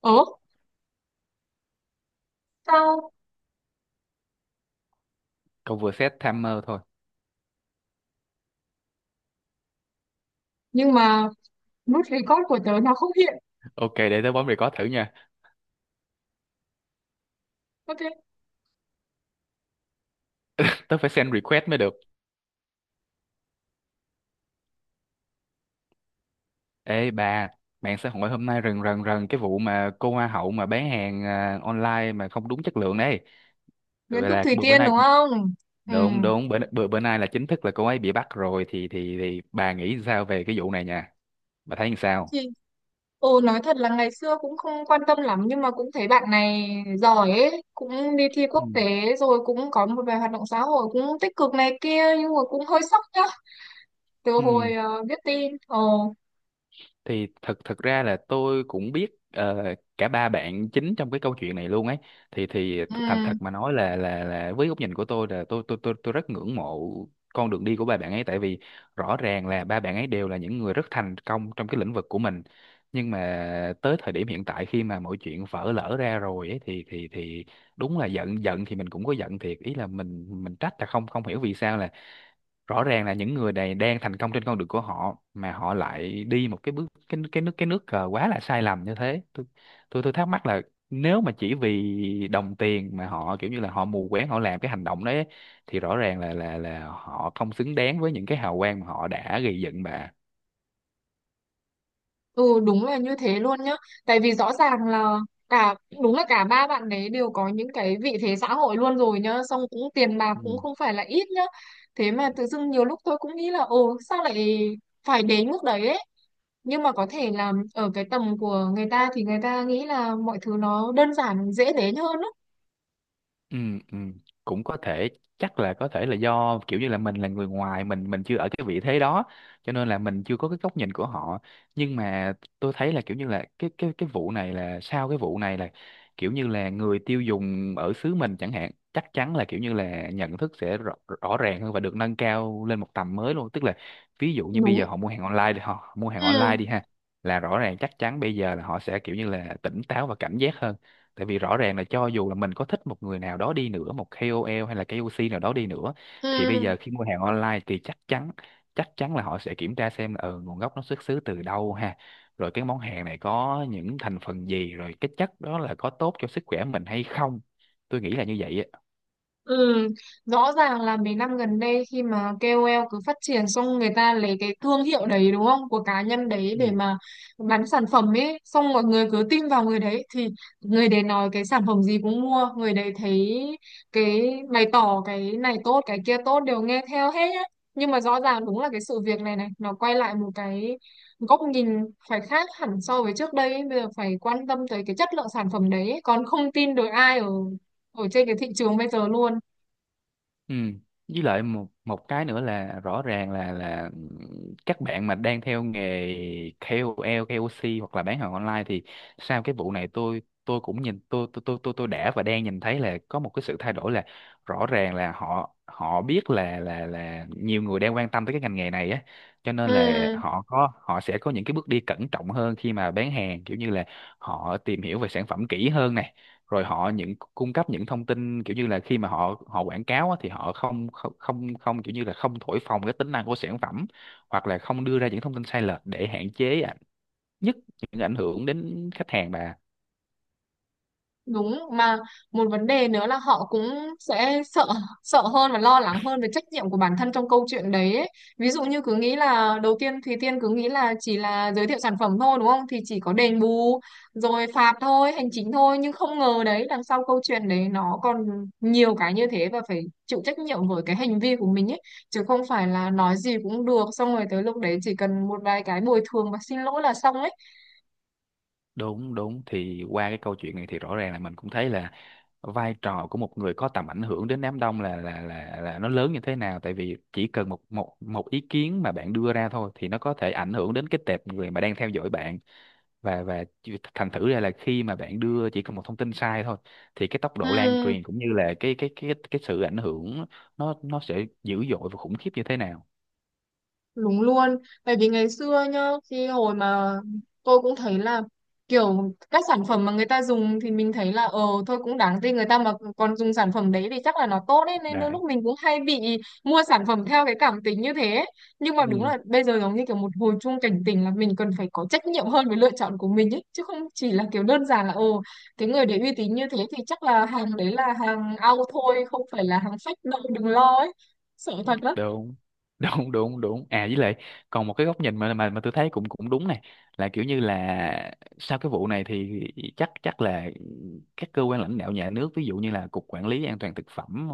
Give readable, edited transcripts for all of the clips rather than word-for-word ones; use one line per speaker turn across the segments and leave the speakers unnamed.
Ớ, sao?
Cậu vừa set timer thôi.
Nhưng mà nút record của tớ nó không hiện.
Ok, để tớ bấm record thử nha.
Ok,
Tớ phải send request mới được. Ê bà, mạng xã hội hôm nay rần rần rần cái vụ mà cô hoa hậu mà bán hàng à, online mà không đúng chất lượng đấy.
Nguyễn
Vậy
Thúc
là
Thủy
bữa bữa
Tiên
nay
đúng không? Ừ.
đúng đúng bữa bữa bữa nay là chính thức là cô ấy bị bắt rồi thì bà nghĩ sao về cái vụ này nha? Bà thấy như sao?
Thì, ồ, nói thật là ngày xưa cũng không quan tâm lắm nhưng mà cũng thấy bạn này giỏi ấy. Cũng đi thi
Ừ.
quốc tế rồi cũng có một vài hoạt động xã hội cũng tích cực này kia nhưng mà cũng hơi sốc nhá. Từ
Ừ,
hồi biết tin. Ồ,
thì thật thật ra là tôi cũng biết ờ, cả ba bạn chính trong cái câu chuyện này luôn ấy thì
ừ.
thành thật mà nói là là với góc nhìn của tôi là tôi rất ngưỡng mộ con đường đi của ba bạn ấy, tại vì rõ ràng là ba bạn ấy đều là những người rất thành công trong cái lĩnh vực của mình. Nhưng mà tới thời điểm hiện tại khi mà mọi chuyện vỡ lở ra rồi ấy thì thì đúng là giận, giận thì mình cũng có giận thiệt, ý là mình trách là không, không hiểu vì sao là rõ ràng là những người này đang thành công trên con đường của họ mà họ lại đi một cái bước cái nước cờ quá là sai lầm như thế. Tôi tôi thắc mắc là nếu mà chỉ vì đồng tiền mà họ kiểu như là họ mù quáng họ làm cái hành động đấy ấy, thì rõ ràng là là họ không xứng đáng với những cái hào quang mà họ đã gây dựng mà.
Ừ, đúng là như thế luôn nhá. Tại vì rõ ràng là cả đúng là cả ba bạn đấy đều có những cái vị thế xã hội luôn rồi nhá. Xong cũng tiền bạc
Ừ.
cũng không phải là ít nhá. Thế mà tự dưng nhiều lúc tôi cũng nghĩ là ồ, sao lại phải đến mức đấy ấy. Nhưng mà có thể là ở cái tầm của người ta thì người ta nghĩ là mọi thứ nó đơn giản, dễ đến hơn á.
ừ ừ, cũng có thể, chắc là có thể là do kiểu như là mình là người ngoài, mình chưa ở cái vị thế đó cho nên là mình chưa có cái góc nhìn của họ. Nhưng mà tôi thấy là kiểu như là cái cái vụ này, là sau cái vụ này là kiểu như là người tiêu dùng ở xứ mình chẳng hạn chắc chắn là kiểu như là nhận thức sẽ rõ, rõ ràng hơn và được nâng cao lên một tầm mới luôn, tức là ví dụ như bây
Đúng.
giờ họ mua hàng online đi, họ mua hàng
Ừ,
online đi ha là rõ ràng chắc chắn bây giờ là họ sẽ kiểu như là tỉnh táo và cảnh giác hơn, tại vì rõ ràng là cho dù là mình có thích một người nào đó đi nữa, một KOL hay là KOC nào đó đi nữa, thì bây
ừ.
giờ khi mua hàng online thì chắc chắn, chắc chắn là họ sẽ kiểm tra xem là ừ, nguồn gốc nó xuất xứ từ đâu ha, rồi cái món hàng này có những thành phần gì, rồi cái chất đó là có tốt cho sức khỏe mình hay không. Tôi nghĩ là như vậy á.
Ừ, rõ ràng là mấy năm gần đây khi mà KOL cứ phát triển, xong người ta lấy cái thương hiệu đấy, đúng không, của cá nhân đấy
Ừ.
để mà bán sản phẩm ấy, xong mọi người cứ tin vào người đấy thì người đấy nói cái sản phẩm gì cũng mua, người đấy thấy cái bày tỏ cái này tốt cái kia tốt đều nghe theo hết á. Nhưng mà rõ ràng đúng là cái sự việc này này nó quay lại một cái góc nhìn phải khác hẳn so với trước đây ấy. Bây giờ phải quan tâm tới cái chất lượng sản phẩm đấy ấy. Còn không tin được ai ở ở trên cái thị trường bây giờ luôn.
Ừ. Với lại một một cái nữa là rõ ràng là các bạn mà đang theo nghề KOL, KOC hoặc là bán hàng online thì sau cái vụ này tôi cũng nhìn, tôi đã và đang nhìn thấy là có một cái sự thay đổi, là rõ ràng là họ họ biết là là nhiều người đang quan tâm tới cái ngành nghề này á, cho nên là
Ừ,
họ sẽ có những cái bước đi cẩn trọng hơn khi mà bán hàng, kiểu như là họ tìm hiểu về sản phẩm kỹ hơn này, rồi họ cung cấp những thông tin kiểu như là khi mà họ họ quảng cáo á, thì họ không không không không kiểu như là không thổi phồng cái tính năng của sản phẩm, hoặc là không đưa ra những thông tin sai lệch để hạn chế ạ, nhất những ảnh hưởng đến khách hàng bà.
đúng mà. Một vấn đề nữa là họ cũng sẽ sợ sợ hơn và lo lắng hơn về trách nhiệm của bản thân trong câu chuyện đấy ấy. Ví dụ như cứ nghĩ là đầu tiên Thùy Tiên cứ nghĩ là chỉ là giới thiệu sản phẩm thôi, đúng không, thì chỉ có đền bù rồi phạt thôi, hành chính thôi, nhưng không ngờ đấy, đằng sau câu chuyện đấy nó còn nhiều cái như thế và phải chịu trách nhiệm với cái hành vi của mình ấy, chứ không phải là nói gì cũng được, xong rồi tới lúc đấy chỉ cần một vài cái bồi thường và xin lỗi là xong ấy.
Đúng đúng thì qua cái câu chuyện này thì rõ ràng là mình cũng thấy là vai trò của một người có tầm ảnh hưởng đến đám đông là nó lớn như thế nào, tại vì chỉ cần một một một ý kiến mà bạn đưa ra thôi thì nó có thể ảnh hưởng đến cái tệp người mà đang theo dõi bạn. Và thành thử ra là khi mà bạn đưa chỉ cần một thông tin sai thôi, thì cái tốc độ lan
Ừ,
truyền cũng như là cái sự ảnh hưởng nó, sẽ dữ dội và khủng khiếp như thế nào
đúng luôn, bởi vì ngày xưa nhá, khi hồi mà tôi cũng thấy là kiểu các sản phẩm mà người ta dùng thì mình thấy là ờ thôi cũng đáng tin, người ta mà còn dùng sản phẩm đấy thì chắc là nó tốt ấy, nên đôi
đấy.
lúc mình cũng hay bị mua sản phẩm theo cái cảm tính như thế. Nhưng mà đúng
Ừ.
là bây giờ giống như kiểu một hồi chuông cảnh tỉnh là mình cần phải có trách nhiệm hơn với lựa chọn của mình ấy, chứ không chỉ là kiểu đơn giản là ồ cái người đấy uy tín như thế thì chắc là hàng đấy là hàng ao thôi, không phải là hàng fake đâu, đừng lo ấy. Sợ thật lắm.
đúng đúng đúng đúng à với lại còn một cái góc nhìn mà mà tôi thấy cũng, cũng đúng này, là kiểu như là sau cái vụ này thì chắc chắc là các cơ quan lãnh đạo nhà nước, ví dụ như là cục quản lý an toàn thực phẩm,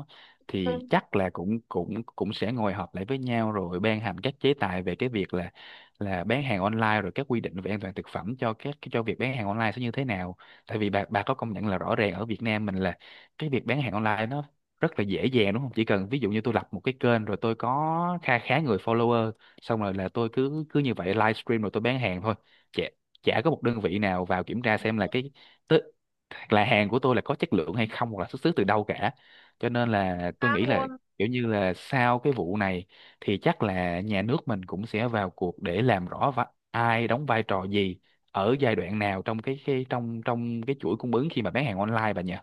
thì
Ừ,
chắc là cũng cũng cũng sẽ ngồi họp lại với nhau rồi ban hành các chế tài về cái việc là bán hàng online, rồi các quy định về an toàn thực phẩm cho các, cho việc bán hàng online sẽ như thế nào. Tại vì bà, có công nhận là rõ ràng ở Việt Nam mình là cái việc bán hàng online nó rất là dễ dàng đúng không? Chỉ cần ví dụ như tôi lập một cái kênh rồi tôi có kha khá người follower, xong rồi là tôi cứ, như vậy livestream rồi tôi bán hàng thôi. Chả, có một đơn vị nào vào kiểm tra xem là cái, tức là hàng của tôi là có chất lượng hay không hoặc là xuất xứ từ đâu cả. Cho nên là tôi
khác
nghĩ là
luôn.
kiểu như là sau cái vụ này thì chắc là nhà nước mình cũng sẽ vào cuộc để làm rõ ai đóng vai trò gì ở giai đoạn nào trong cái trong trong cái chuỗi cung ứng khi mà bán hàng online bà nhỉ.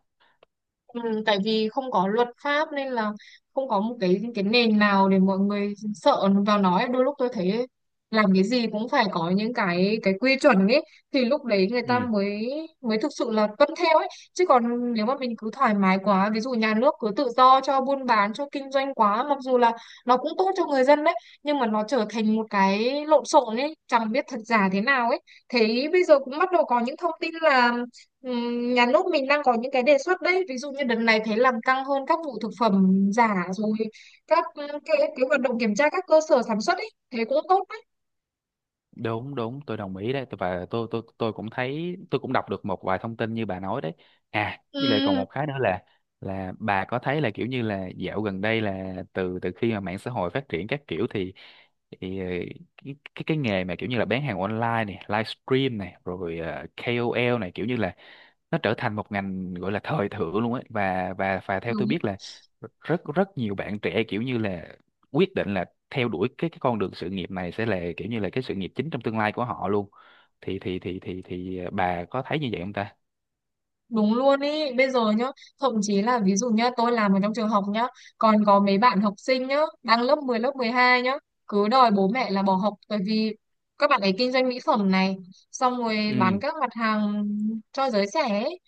Ừ, tại vì không có luật pháp nên là không có một cái nền nào để mọi người sợ vào, nói đôi lúc tôi thấy làm cái gì cũng phải có những cái quy chuẩn ấy thì lúc đấy người
Ừ.
ta mới mới thực sự là tuân theo ấy, chứ còn nếu mà mình cứ thoải mái quá, ví dụ nhà nước cứ tự do cho buôn bán cho kinh doanh quá, mặc dù là nó cũng tốt cho người dân đấy, nhưng mà nó trở thành một cái lộn xộn ấy, chẳng biết thật giả thế nào ấy. Thế bây giờ cũng bắt đầu có những thông tin là nhà nước mình đang có những cái đề xuất đấy, ví dụ như đợt này thấy làm căng hơn các vụ thực phẩm giả rồi các cái hoạt động kiểm tra các cơ sở sản xuất ấy, thế cũng tốt đấy.
đúng đúng tôi đồng ý đấy, tôi và tôi tôi cũng thấy, tôi cũng đọc được một vài thông tin như bà nói đấy. À với lại còn
Ừ,
một cái nữa là, bà có thấy là kiểu như là dạo gần đây là từ từ khi mà mạng xã hội phát triển các kiểu thì cái, cái nghề mà kiểu như là bán hàng online này, livestream này, rồi KOL này, kiểu như là nó trở thành một ngành gọi là thời thượng luôn ấy. Và theo
đúng.
tôi biết là rất rất nhiều bạn trẻ kiểu như là quyết định là theo đuổi cái, con đường sự nghiệp này sẽ là kiểu như là cái sự nghiệp chính trong tương lai của họ luôn. Thì bà có thấy như vậy không ta?
Đúng luôn ý, bây giờ nhá, thậm chí là ví dụ nhá, tôi làm ở trong trường học nhá, còn có mấy bạn học sinh nhá, đang lớp 10 lớp 12 nhá, cứ đòi bố mẹ là bỏ học bởi vì các bạn ấy kinh doanh mỹ phẩm này, xong rồi
ừ
bán các mặt hàng cho giới trẻ ấy,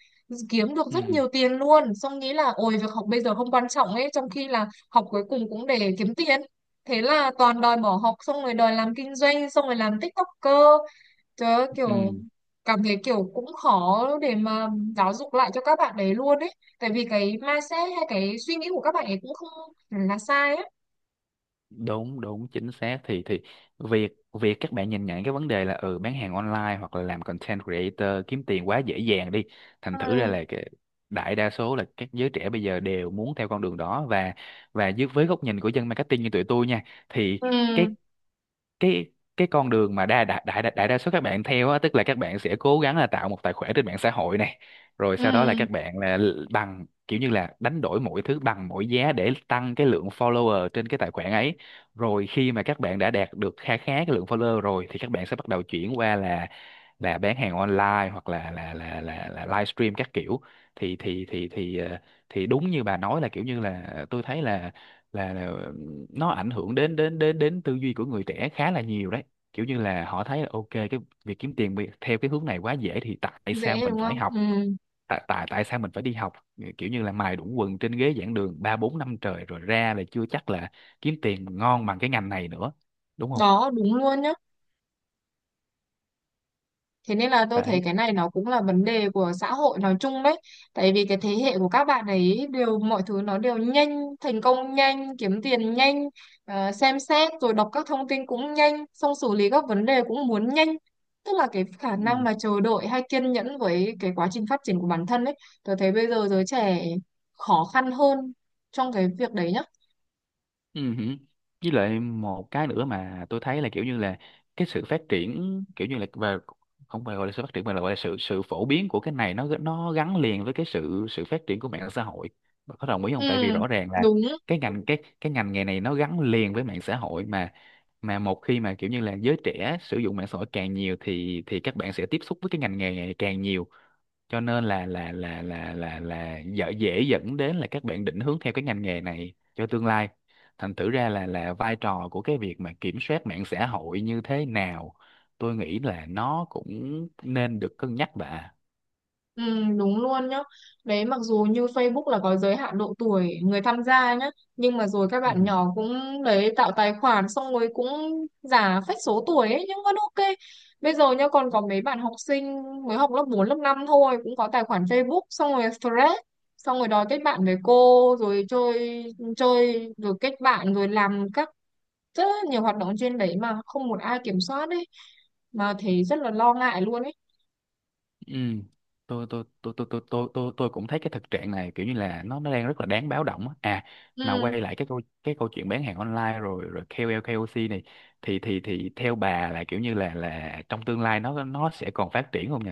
kiếm được rất
ừ
nhiều tiền luôn, xong nghĩ là ôi việc học bây giờ không quan trọng ấy, trong khi là học cuối cùng cũng để kiếm tiền. Thế là toàn đòi bỏ học xong rồi đòi làm kinh doanh xong rồi làm TikToker. Trời ơi, kiểu
ừ
cảm thấy kiểu cũng khó để mà giáo dục lại cho các bạn đấy luôn ấy. Tại vì cái mindset hay cái suy nghĩ của các bạn ấy cũng không hẳn là sai ấy.
đúng đúng chính xác. Thì việc, các bạn nhìn nhận cái vấn đề là ừ, bán hàng online hoặc là làm content creator kiếm tiền quá dễ dàng đi, thành thử ra
Ừ,
là cái đại đa số là các giới trẻ bây giờ đều muốn theo con đường đó. Và dưới, với góc nhìn của dân marketing như tụi tôi nha, thì cái,
ừ,
cái cái con đường mà đa đại đại đại, đại đa số các bạn theo á, tức là các bạn sẽ cố gắng là tạo một tài khoản trên mạng xã hội này, rồi sau đó là
ừ.
các bạn là bằng kiểu như là đánh đổi mọi thứ bằng mọi giá để tăng cái lượng follower trên cái tài khoản ấy. Rồi khi mà các bạn đã đạt được khá khá cái lượng follower rồi thì các bạn sẽ bắt đầu chuyển qua là bán hàng online hoặc là livestream các kiểu. thì thì thì thì ờ, thì đúng như bà nói là kiểu như là tôi thấy là, là, là nó ảnh hưởng đến đến đến đến tư duy của người trẻ khá là nhiều đấy, kiểu như là họ thấy là ok cái việc kiếm tiền theo cái hướng này quá dễ thì tại sao
Dễ
mình
đúng
phải
không?
học,
Ừ.
tại tại tại sao mình phải đi học? Ờ, kiểu như là mài đũng quần trên ghế giảng đường ba bốn năm trời rồi ra là chưa chắc là kiếm tiền ngon bằng cái ngành này nữa, đúng không?
Đó, đúng luôn nhá. Thế nên là tôi thấy
Đấy.
cái này nó cũng là vấn đề của xã hội nói chung đấy. Tại vì cái thế hệ của các bạn ấy đều mọi thứ nó đều nhanh, thành công nhanh, kiếm tiền nhanh, xem xét rồi đọc các thông tin cũng nhanh, xong xử lý các vấn đề cũng muốn nhanh. Tức là cái khả năng mà chờ đợi hay kiên nhẫn với cái quá trình phát triển của bản thân ấy, tôi thấy bây giờ giới trẻ khó khăn hơn trong cái việc đấy nhá.
Ừ. Hử. Với lại một cái nữa mà tôi thấy là kiểu như là cái sự phát triển kiểu như là về, không phải gọi là sự phát triển mà là gọi là sự, phổ biến của cái này, nó gắn liền với cái sự, phát triển của mạng xã hội. Bà có đồng ý
Ừ,
không? Tại vì rõ ràng là
đúng.
cái ngành, cái ngành nghề này nó gắn liền với mạng xã hội mà một khi mà kiểu như là giới trẻ sử dụng mạng xã hội càng nhiều thì các bạn sẽ tiếp xúc với cái ngành nghề này càng nhiều, cho nên là dễ, dẫn đến là các bạn định hướng theo cái ngành nghề này cho tương lai. Thành thử ra là vai trò của cái việc mà kiểm soát mạng xã hội như thế nào, tôi nghĩ là nó cũng nên được cân nhắc bà.
Ừ, đúng luôn nhá. Đấy mặc dù như Facebook là có giới hạn độ tuổi người tham gia nhá, nhưng mà rồi các
Ừ.
bạn nhỏ cũng đấy tạo tài khoản xong rồi cũng giả phách số tuổi ấy nhưng vẫn ok. Bây giờ nhá còn có mấy bạn học sinh mới học lớp 4 lớp 5 thôi cũng có tài khoản Facebook xong rồi thread xong rồi đòi kết bạn với cô rồi chơi chơi rồi kết bạn rồi làm các rất là nhiều hoạt động trên đấy mà không một ai kiểm soát đấy, mà thấy rất là lo ngại luôn ấy.
Ừ. Tôi cũng thấy cái thực trạng này kiểu như là nó, đang rất là đáng báo động á. À mà
Ừ.
quay lại cái câu, câu chuyện bán hàng online rồi, ca O KOC này, thì theo bà là kiểu như là, trong tương lai nó, sẽ còn phát triển không nhỉ?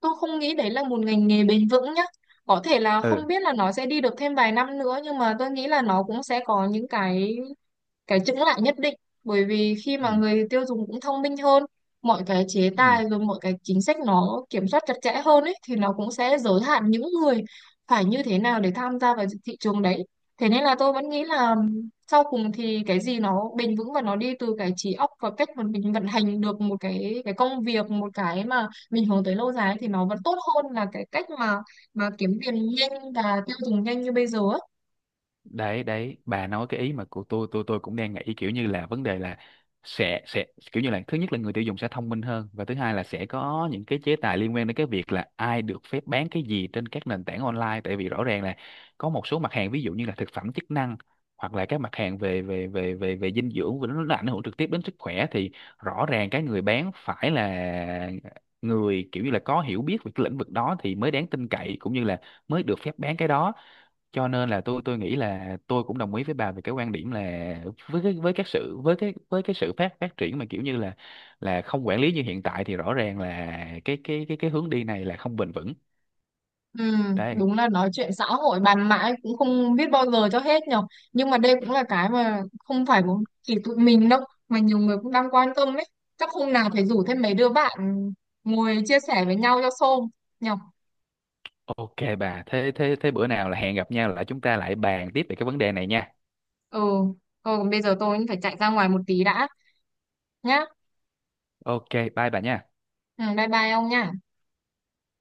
Tôi không nghĩ đấy là một ngành nghề bền vững nhá. Có thể là
ừ
không biết là nó sẽ đi được thêm vài năm nữa nhưng mà tôi nghĩ là nó cũng sẽ có những cái chững lại nhất định, bởi vì khi
ừ
mà người tiêu dùng cũng thông minh hơn, mọi cái chế
ừ
tài rồi mọi cái chính sách nó kiểm soát chặt chẽ hơn ấy thì nó cũng sẽ giới hạn những người phải như thế nào để tham gia vào thị trường đấy. Thế nên là tôi vẫn nghĩ là sau cùng thì cái gì nó bền vững và nó đi từ cái trí óc và cách mà mình vận hành được một cái công việc, một cái mà mình hướng tới lâu dài ấy, thì nó vẫn tốt hơn là cái cách mà kiếm tiền nhanh và tiêu dùng nhanh như bây giờ ấy.
đấy đấy bà nói cái ý mà của tôi, tôi cũng đang nghĩ, kiểu như là vấn đề là sẽ, kiểu như là, thứ nhất là người tiêu dùng sẽ thông minh hơn, và thứ hai là sẽ có những cái chế tài liên quan đến cái việc là ai được phép bán cái gì trên các nền tảng online. Tại vì rõ ràng là có một số mặt hàng ví dụ như là thực phẩm chức năng, hoặc là các mặt hàng về về về về về dinh dưỡng, và nó ảnh hưởng trực tiếp đến sức khỏe, thì rõ ràng cái người bán phải là người kiểu như là có hiểu biết về cái lĩnh vực đó thì mới đáng tin cậy, cũng như là mới được phép bán cái đó. Cho nên là tôi, nghĩ là tôi cũng đồng ý với bà về cái quan điểm là, với cái, với các sự, với cái, sự phát phát triển mà kiểu như là không quản lý như hiện tại, thì rõ ràng là cái hướng đi này là không bền vững.
Ừ,
Đây.
đúng là nói chuyện xã hội bàn mãi cũng không biết bao giờ cho hết nhở, nhưng mà đây cũng là cái mà không phải một chỉ tụi mình đâu, mà nhiều người cũng đang quan tâm ấy. Chắc hôm nào phải rủ thêm mấy đứa bạn ngồi chia sẻ với nhau cho xôm nhở.
Ok bà, thế thế thế bữa nào là hẹn gặp nhau lại, chúng ta lại bàn tiếp về cái vấn đề này nha.
Ừ, ừ, còn bây giờ tôi cũng phải chạy ra ngoài một tí đã nhá.
Ok, bye bà nha.
Ừ, bye bye ông nha.